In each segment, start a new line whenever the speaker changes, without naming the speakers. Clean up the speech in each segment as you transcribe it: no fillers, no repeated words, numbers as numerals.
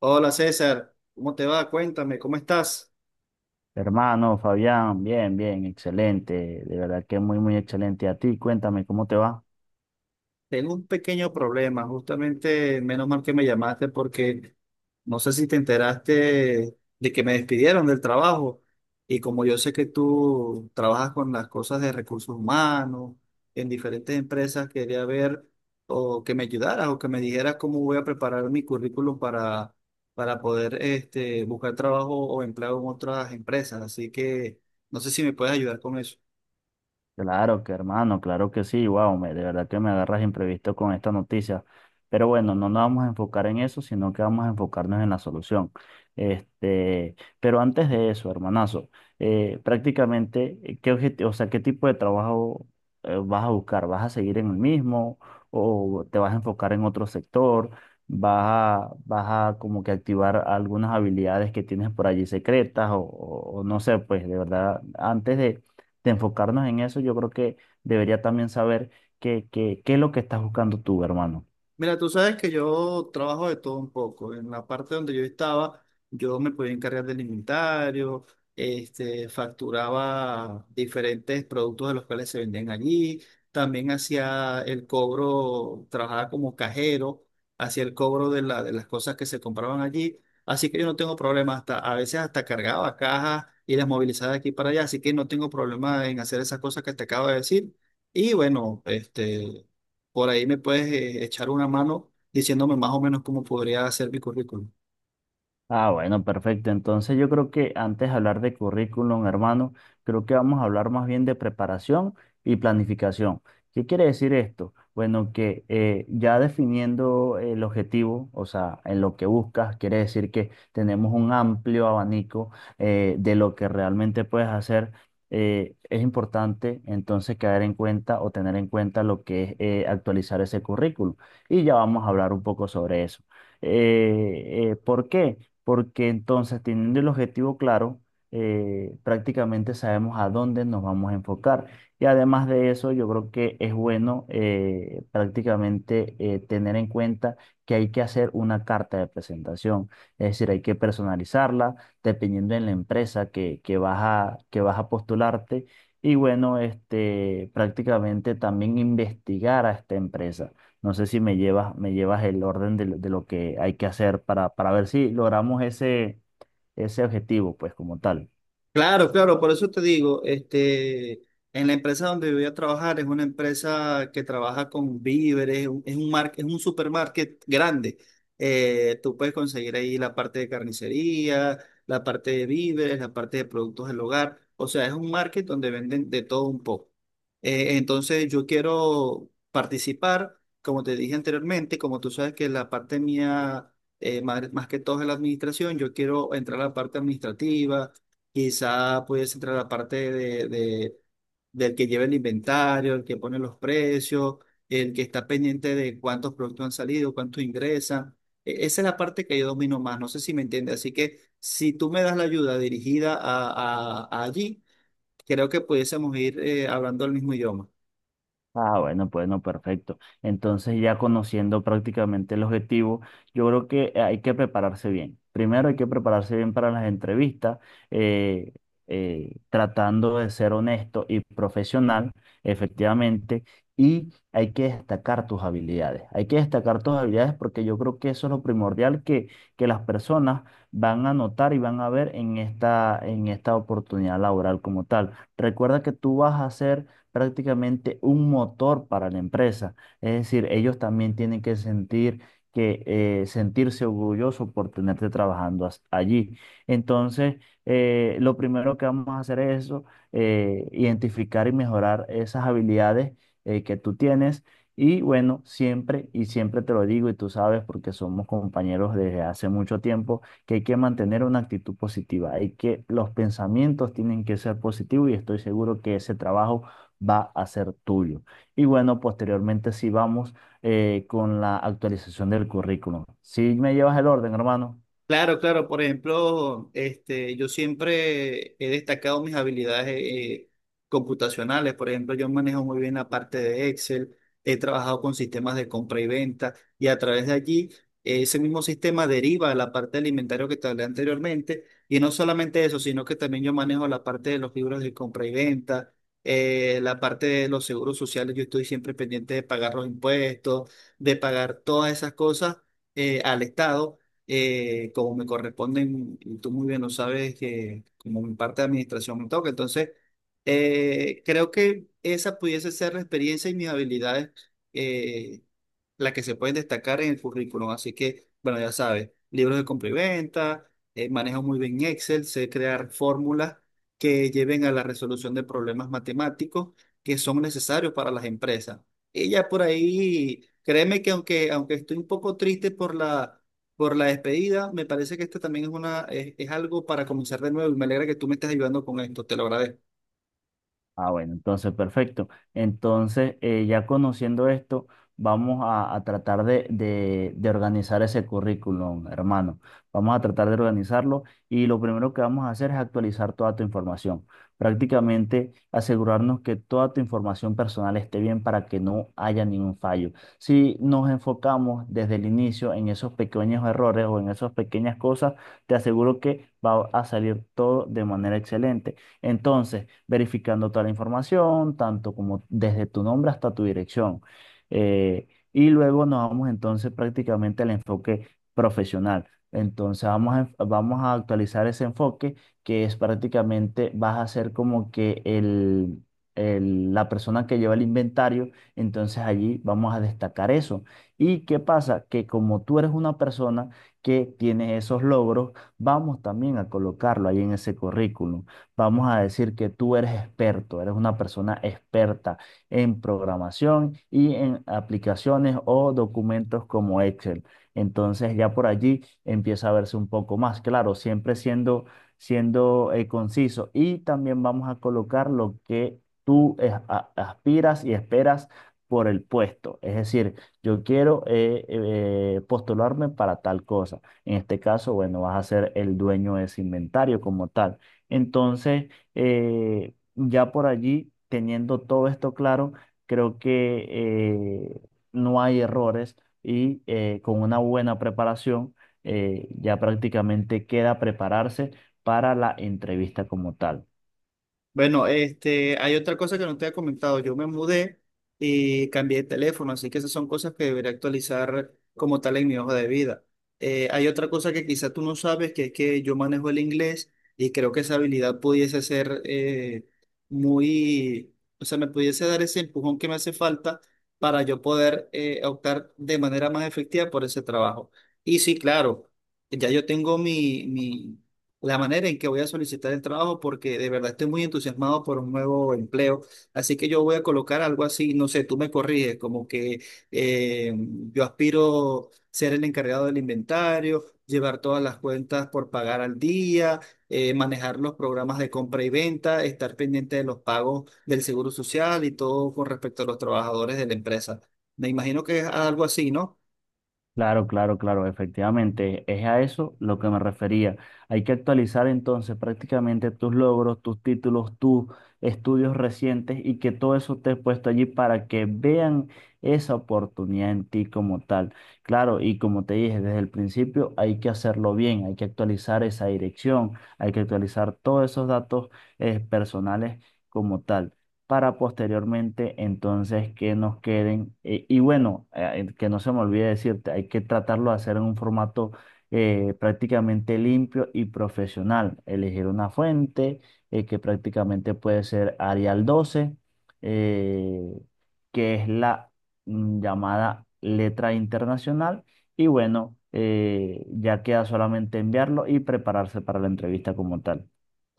Hola César, ¿cómo te va? Cuéntame, ¿cómo estás?
Hermano Fabián, bien, bien, excelente, de verdad que muy, muy excelente. A ti, cuéntame, ¿cómo te va?
Tengo un pequeño problema, justamente menos mal que me llamaste porque no sé si te enteraste de que me despidieron del trabajo y como yo sé que tú trabajas con las cosas de recursos humanos en diferentes empresas, quería ver o que me ayudaras o que me dijeras cómo voy a preparar mi currículum para poder este, buscar trabajo o empleo en otras empresas. Así que no sé si me puedes ayudar con eso.
Claro que hermano, claro que sí, wow, de verdad que me agarras imprevisto con esta noticia. Pero bueno, no nos vamos a enfocar en eso, sino que vamos a enfocarnos en la solución. Este, pero antes de eso, hermanazo, prácticamente, ¿qué objetivo, o sea, qué tipo de trabajo vas a buscar? ¿Vas a seguir en el mismo o te vas a enfocar en otro sector? ¿Vas ¿vas a como que activar algunas habilidades que tienes por allí secretas o, o no sé, pues de verdad, antes de enfocarnos en eso, yo creo que debería también saber qué es lo que estás buscando tú, hermano.
Mira, tú sabes que yo trabajo de todo un poco. En la parte donde yo estaba, yo me podía encargar del inventario, este, facturaba diferentes productos de los cuales se vendían allí. También hacía el cobro, trabajaba como cajero, hacía el cobro de de las cosas que se compraban allí. Así que yo no tengo problema, hasta, a veces hasta cargaba cajas y las movilizaba de aquí para allá. Así que no tengo problema en hacer esas cosas que te acabo de decir. Y bueno, este. Por ahí me puedes echar una mano diciéndome más o menos cómo podría ser mi currículum.
Ah, bueno, perfecto. Entonces yo creo que antes de hablar de currículum, hermano, creo que vamos a hablar más bien de preparación y planificación. ¿Qué quiere decir esto? Bueno, que ya definiendo el objetivo, o sea, en lo que buscas, quiere decir que tenemos un amplio abanico de lo que realmente puedes hacer. Es importante entonces caer en cuenta o tener en cuenta lo que es actualizar ese currículum. Y ya vamos a hablar un poco sobre eso. ¿Por qué? Porque entonces teniendo el objetivo claro, prácticamente sabemos a dónde nos vamos a enfocar. Y además de eso, yo creo que es bueno prácticamente tener en cuenta que hay que hacer una carta de presentación, es decir, hay que personalizarla dependiendo de la empresa que que vas a postularte. Y bueno, este, prácticamente también investigar a esta empresa no sé si me llevas el orden de lo que hay que hacer para ver si logramos ese objetivo, pues como tal.
Claro, claro, por eso te digo, este, en la empresa donde voy a trabajar es una empresa que trabaja con víveres, es un es un supermarket grande. Tú puedes conseguir ahí la parte de carnicería, la parte de víveres, la parte de productos del hogar. O sea, es un market donde venden de todo un poco. Entonces yo quiero participar, como te dije anteriormente, como tú sabes que la parte mía, más, más que todo es la administración, yo quiero entrar a la parte administrativa. Quizá pudiese entrar la parte de del que lleva el inventario, el que pone los precios, el que está pendiente de cuántos productos han salido, cuántos ingresan. Esa es la parte que yo domino más, no sé si me entiende. Así que si tú me das la ayuda dirigida a allí, creo que pudiésemos ir hablando el mismo idioma.
Ah, bueno, pues no, perfecto. Entonces, ya conociendo prácticamente el objetivo, yo creo que hay que prepararse bien. Primero hay que prepararse bien para las entrevistas, eh, tratando de ser honesto y profesional, efectivamente, y hay que destacar tus habilidades. Hay que destacar tus habilidades porque yo creo que eso es lo primordial que las personas van a notar y van a ver en en esta oportunidad laboral como tal. Recuerda que tú vas a ser prácticamente un motor para la empresa. Es decir, ellos también tienen que sentir que sentirse orgulloso por tenerte trabajando allí. Entonces, lo primero que vamos a hacer es eso, identificar y mejorar esas habilidades que tú tienes. Y bueno, siempre y siempre te lo digo y tú sabes porque somos compañeros desde hace mucho tiempo que hay que mantener una actitud positiva, hay que los pensamientos tienen que ser positivos y estoy seguro que ese trabajo va a ser tuyo. Y bueno, posteriormente sí vamos con la actualización del currículum. ¿Si me llevas el orden, hermano?
Claro, claro. Por ejemplo, este, yo siempre he destacado mis habilidades computacionales. Por ejemplo, yo manejo muy bien la parte de Excel, he trabajado con sistemas de compra y venta y a través de allí ese mismo sistema deriva a la parte del inventario que te hablé anteriormente. Y no solamente eso, sino que también yo manejo la parte de los libros de compra y venta, la parte de los seguros sociales. Yo estoy siempre pendiente de pagar los impuestos, de pagar todas esas cosas al Estado como me corresponden, y tú muy bien lo sabes, que como mi parte de administración me toca. Entonces, creo que esa pudiese ser la experiencia y mis habilidades eh, las que se pueden destacar en el currículum. Así que, bueno, ya sabes, libros de compra y venta, manejo muy bien Excel, sé crear fórmulas que lleven a la resolución de problemas matemáticos que son necesarios para las empresas. Y ya por ahí, créeme que aunque estoy un poco triste por la despedida, me parece que esto también es algo para comenzar de nuevo y me alegra que tú me estés ayudando con esto, te lo agradezco.
Ah, bueno, entonces perfecto. Entonces, ya conociendo esto, vamos a tratar de organizar ese currículum, hermano. Vamos a tratar de organizarlo y lo primero que vamos a hacer es actualizar toda tu información. Prácticamente asegurarnos que toda tu información personal esté bien para que no haya ningún fallo. Si nos enfocamos desde el inicio en esos pequeños errores o en esas pequeñas cosas, te aseguro que va a salir todo de manera excelente. Entonces, verificando toda la información, tanto como desde tu nombre hasta tu dirección. Y luego nos vamos entonces prácticamente al enfoque profesional. Entonces vamos a actualizar ese enfoque que es prácticamente vas a ser como que la persona que lleva el inventario. Entonces allí vamos a destacar eso. ¿Y qué pasa? Que como tú eres una persona que tiene esos logros, vamos también a colocarlo ahí en ese currículum. Vamos a decir que tú eres experto, eres una persona experta en programación y en aplicaciones o documentos como Excel. Entonces ya por allí empieza a verse un poco más, claro, siendo conciso. Y también vamos a colocar lo que aspiras y esperas por el puesto. Es decir, yo quiero postularme para tal cosa. En este caso, bueno, vas a ser el dueño de ese inventario como tal. Entonces, ya por allí, teniendo todo esto claro, creo que no hay errores y con una buena preparación, ya prácticamente queda prepararse para la entrevista como tal.
Bueno, este, hay otra cosa que no te he comentado. Yo me mudé y cambié de teléfono, así que esas son cosas que debería actualizar como tal en mi hoja de vida. Hay otra cosa que quizá tú no sabes, que es que yo manejo el inglés y creo que esa habilidad pudiese ser muy, o sea, me pudiese dar ese empujón que me hace falta para yo poder optar de manera más efectiva por ese trabajo. Y sí, claro, ya yo tengo mi la manera en que voy a solicitar el trabajo porque de verdad estoy muy entusiasmado por un nuevo empleo. Así que yo voy a colocar algo así, no sé, tú me corriges, como que eh, yo aspiro ser el encargado del inventario, llevar todas las cuentas por pagar al día, manejar los programas de compra y venta, estar pendiente de los pagos del seguro social y todo con respecto a los trabajadores de la empresa. Me imagino que es algo así, ¿no?
Claro, claro, claro, efectivamente, es a eso lo que me refería. Hay que actualizar entonces prácticamente tus logros, tus títulos, tus estudios recientes y que todo eso esté puesto allí para que vean esa oportunidad en ti como tal. Claro, y como te dije desde el principio, hay que hacerlo bien, hay que actualizar esa dirección, hay que actualizar todos esos datos personales como tal para posteriormente entonces que nos queden. Y bueno, que no se me olvide decirte, hay que tratarlo de hacer en un formato prácticamente limpio y profesional. Elegir una fuente que prácticamente puede ser Arial 12, eh, que es la llamada letra internacional. Y bueno, ya queda solamente enviarlo y prepararse para la entrevista como tal.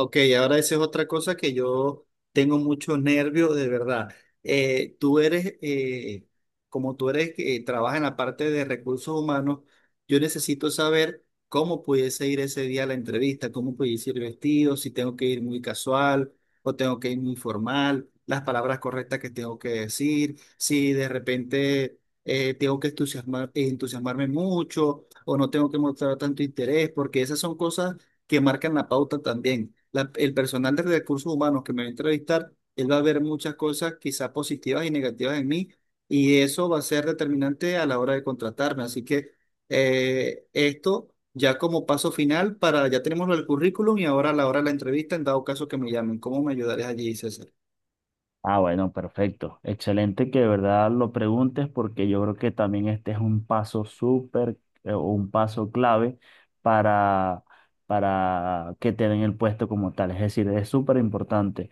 Ok, ahora esa es otra cosa que yo tengo mucho nervio, de verdad. Eh, tú eres, eh, como tú eres que trabaja en la parte de recursos humanos, yo necesito saber cómo pudiese ir ese día a la entrevista, cómo pudiese ir vestido, si tengo que ir muy casual o tengo que ir muy formal, las palabras correctas que tengo que decir, si de repente tengo que entusiasmarme mucho o no tengo que mostrar tanto interés, porque esas son cosas que marcan la pauta también. El personal de recursos humanos que me va a entrevistar, él va a ver muchas cosas quizás positivas y negativas en mí y eso va a ser determinante a la hora de contratarme. Así que esto ya como paso final para, ya tenemos el currículum y ahora a la hora de la entrevista, en dado caso que me llamen, ¿cómo me ayudarías allí, César?
Ah, bueno, perfecto. Excelente que de verdad lo preguntes porque yo creo que también este es un paso súper, o un paso clave para, para que te den el puesto como tal. Es decir, es súper importante.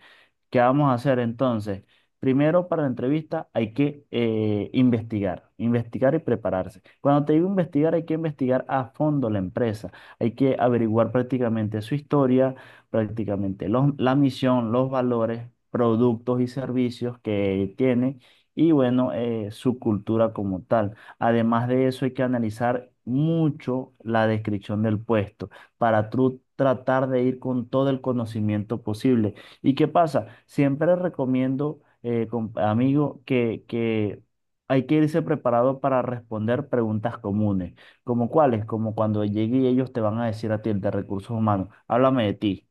¿Qué vamos a hacer entonces? Primero, para la entrevista hay que investigar, investigar y prepararse. Cuando te digo investigar, hay que investigar a fondo la empresa. Hay que averiguar prácticamente su historia, prácticamente la misión, los valores, productos y servicios que tiene y bueno, su cultura como tal. Además de eso, hay que analizar mucho la descripción del puesto para tú tratar de ir con todo el conocimiento posible. ¿Y qué pasa? Siempre recomiendo, amigo, que hay que irse preparado para responder preguntas comunes, como cuáles, como cuando llegue y ellos te van a decir a ti, el de recursos humanos, háblame de ti.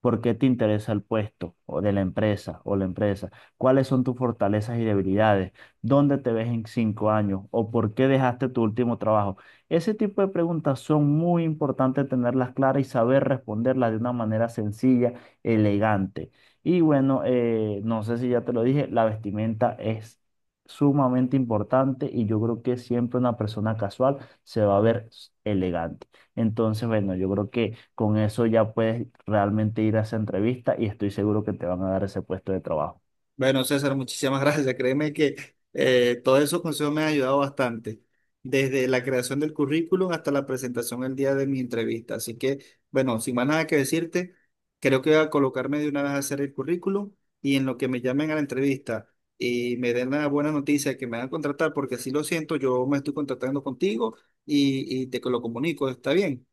¿Por qué te interesa el puesto o de la empresa o la empresa? ¿Cuáles son tus fortalezas y debilidades? ¿Dónde te ves en 5 años? ¿O por qué dejaste tu último trabajo? Ese tipo de preguntas son muy importantes tenerlas claras y saber responderlas de una manera sencilla, elegante. Y bueno, no sé si ya te lo dije, la vestimenta es sumamente importante y yo creo que siempre una persona casual se va a ver elegante. Entonces, bueno, yo creo que con eso ya puedes realmente ir a esa entrevista y estoy seguro que te van a dar ese puesto de trabajo.
Bueno, César, muchísimas gracias. Créeme que todos esos consejos me han ayudado bastante, desde la creación del currículum hasta la presentación el día de mi entrevista. Así que, bueno, sin más nada que decirte, creo que voy a colocarme de una vez a hacer el currículum y en lo que me llamen a la entrevista y me den la buena noticia de que me van a contratar, porque así lo siento, yo me estoy contratando contigo y te lo comunico. ¿Está bien?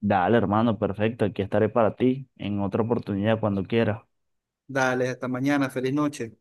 Dale, hermano, perfecto. Aquí estaré para ti en otra oportunidad cuando quieras.
Dale, hasta mañana, feliz noche.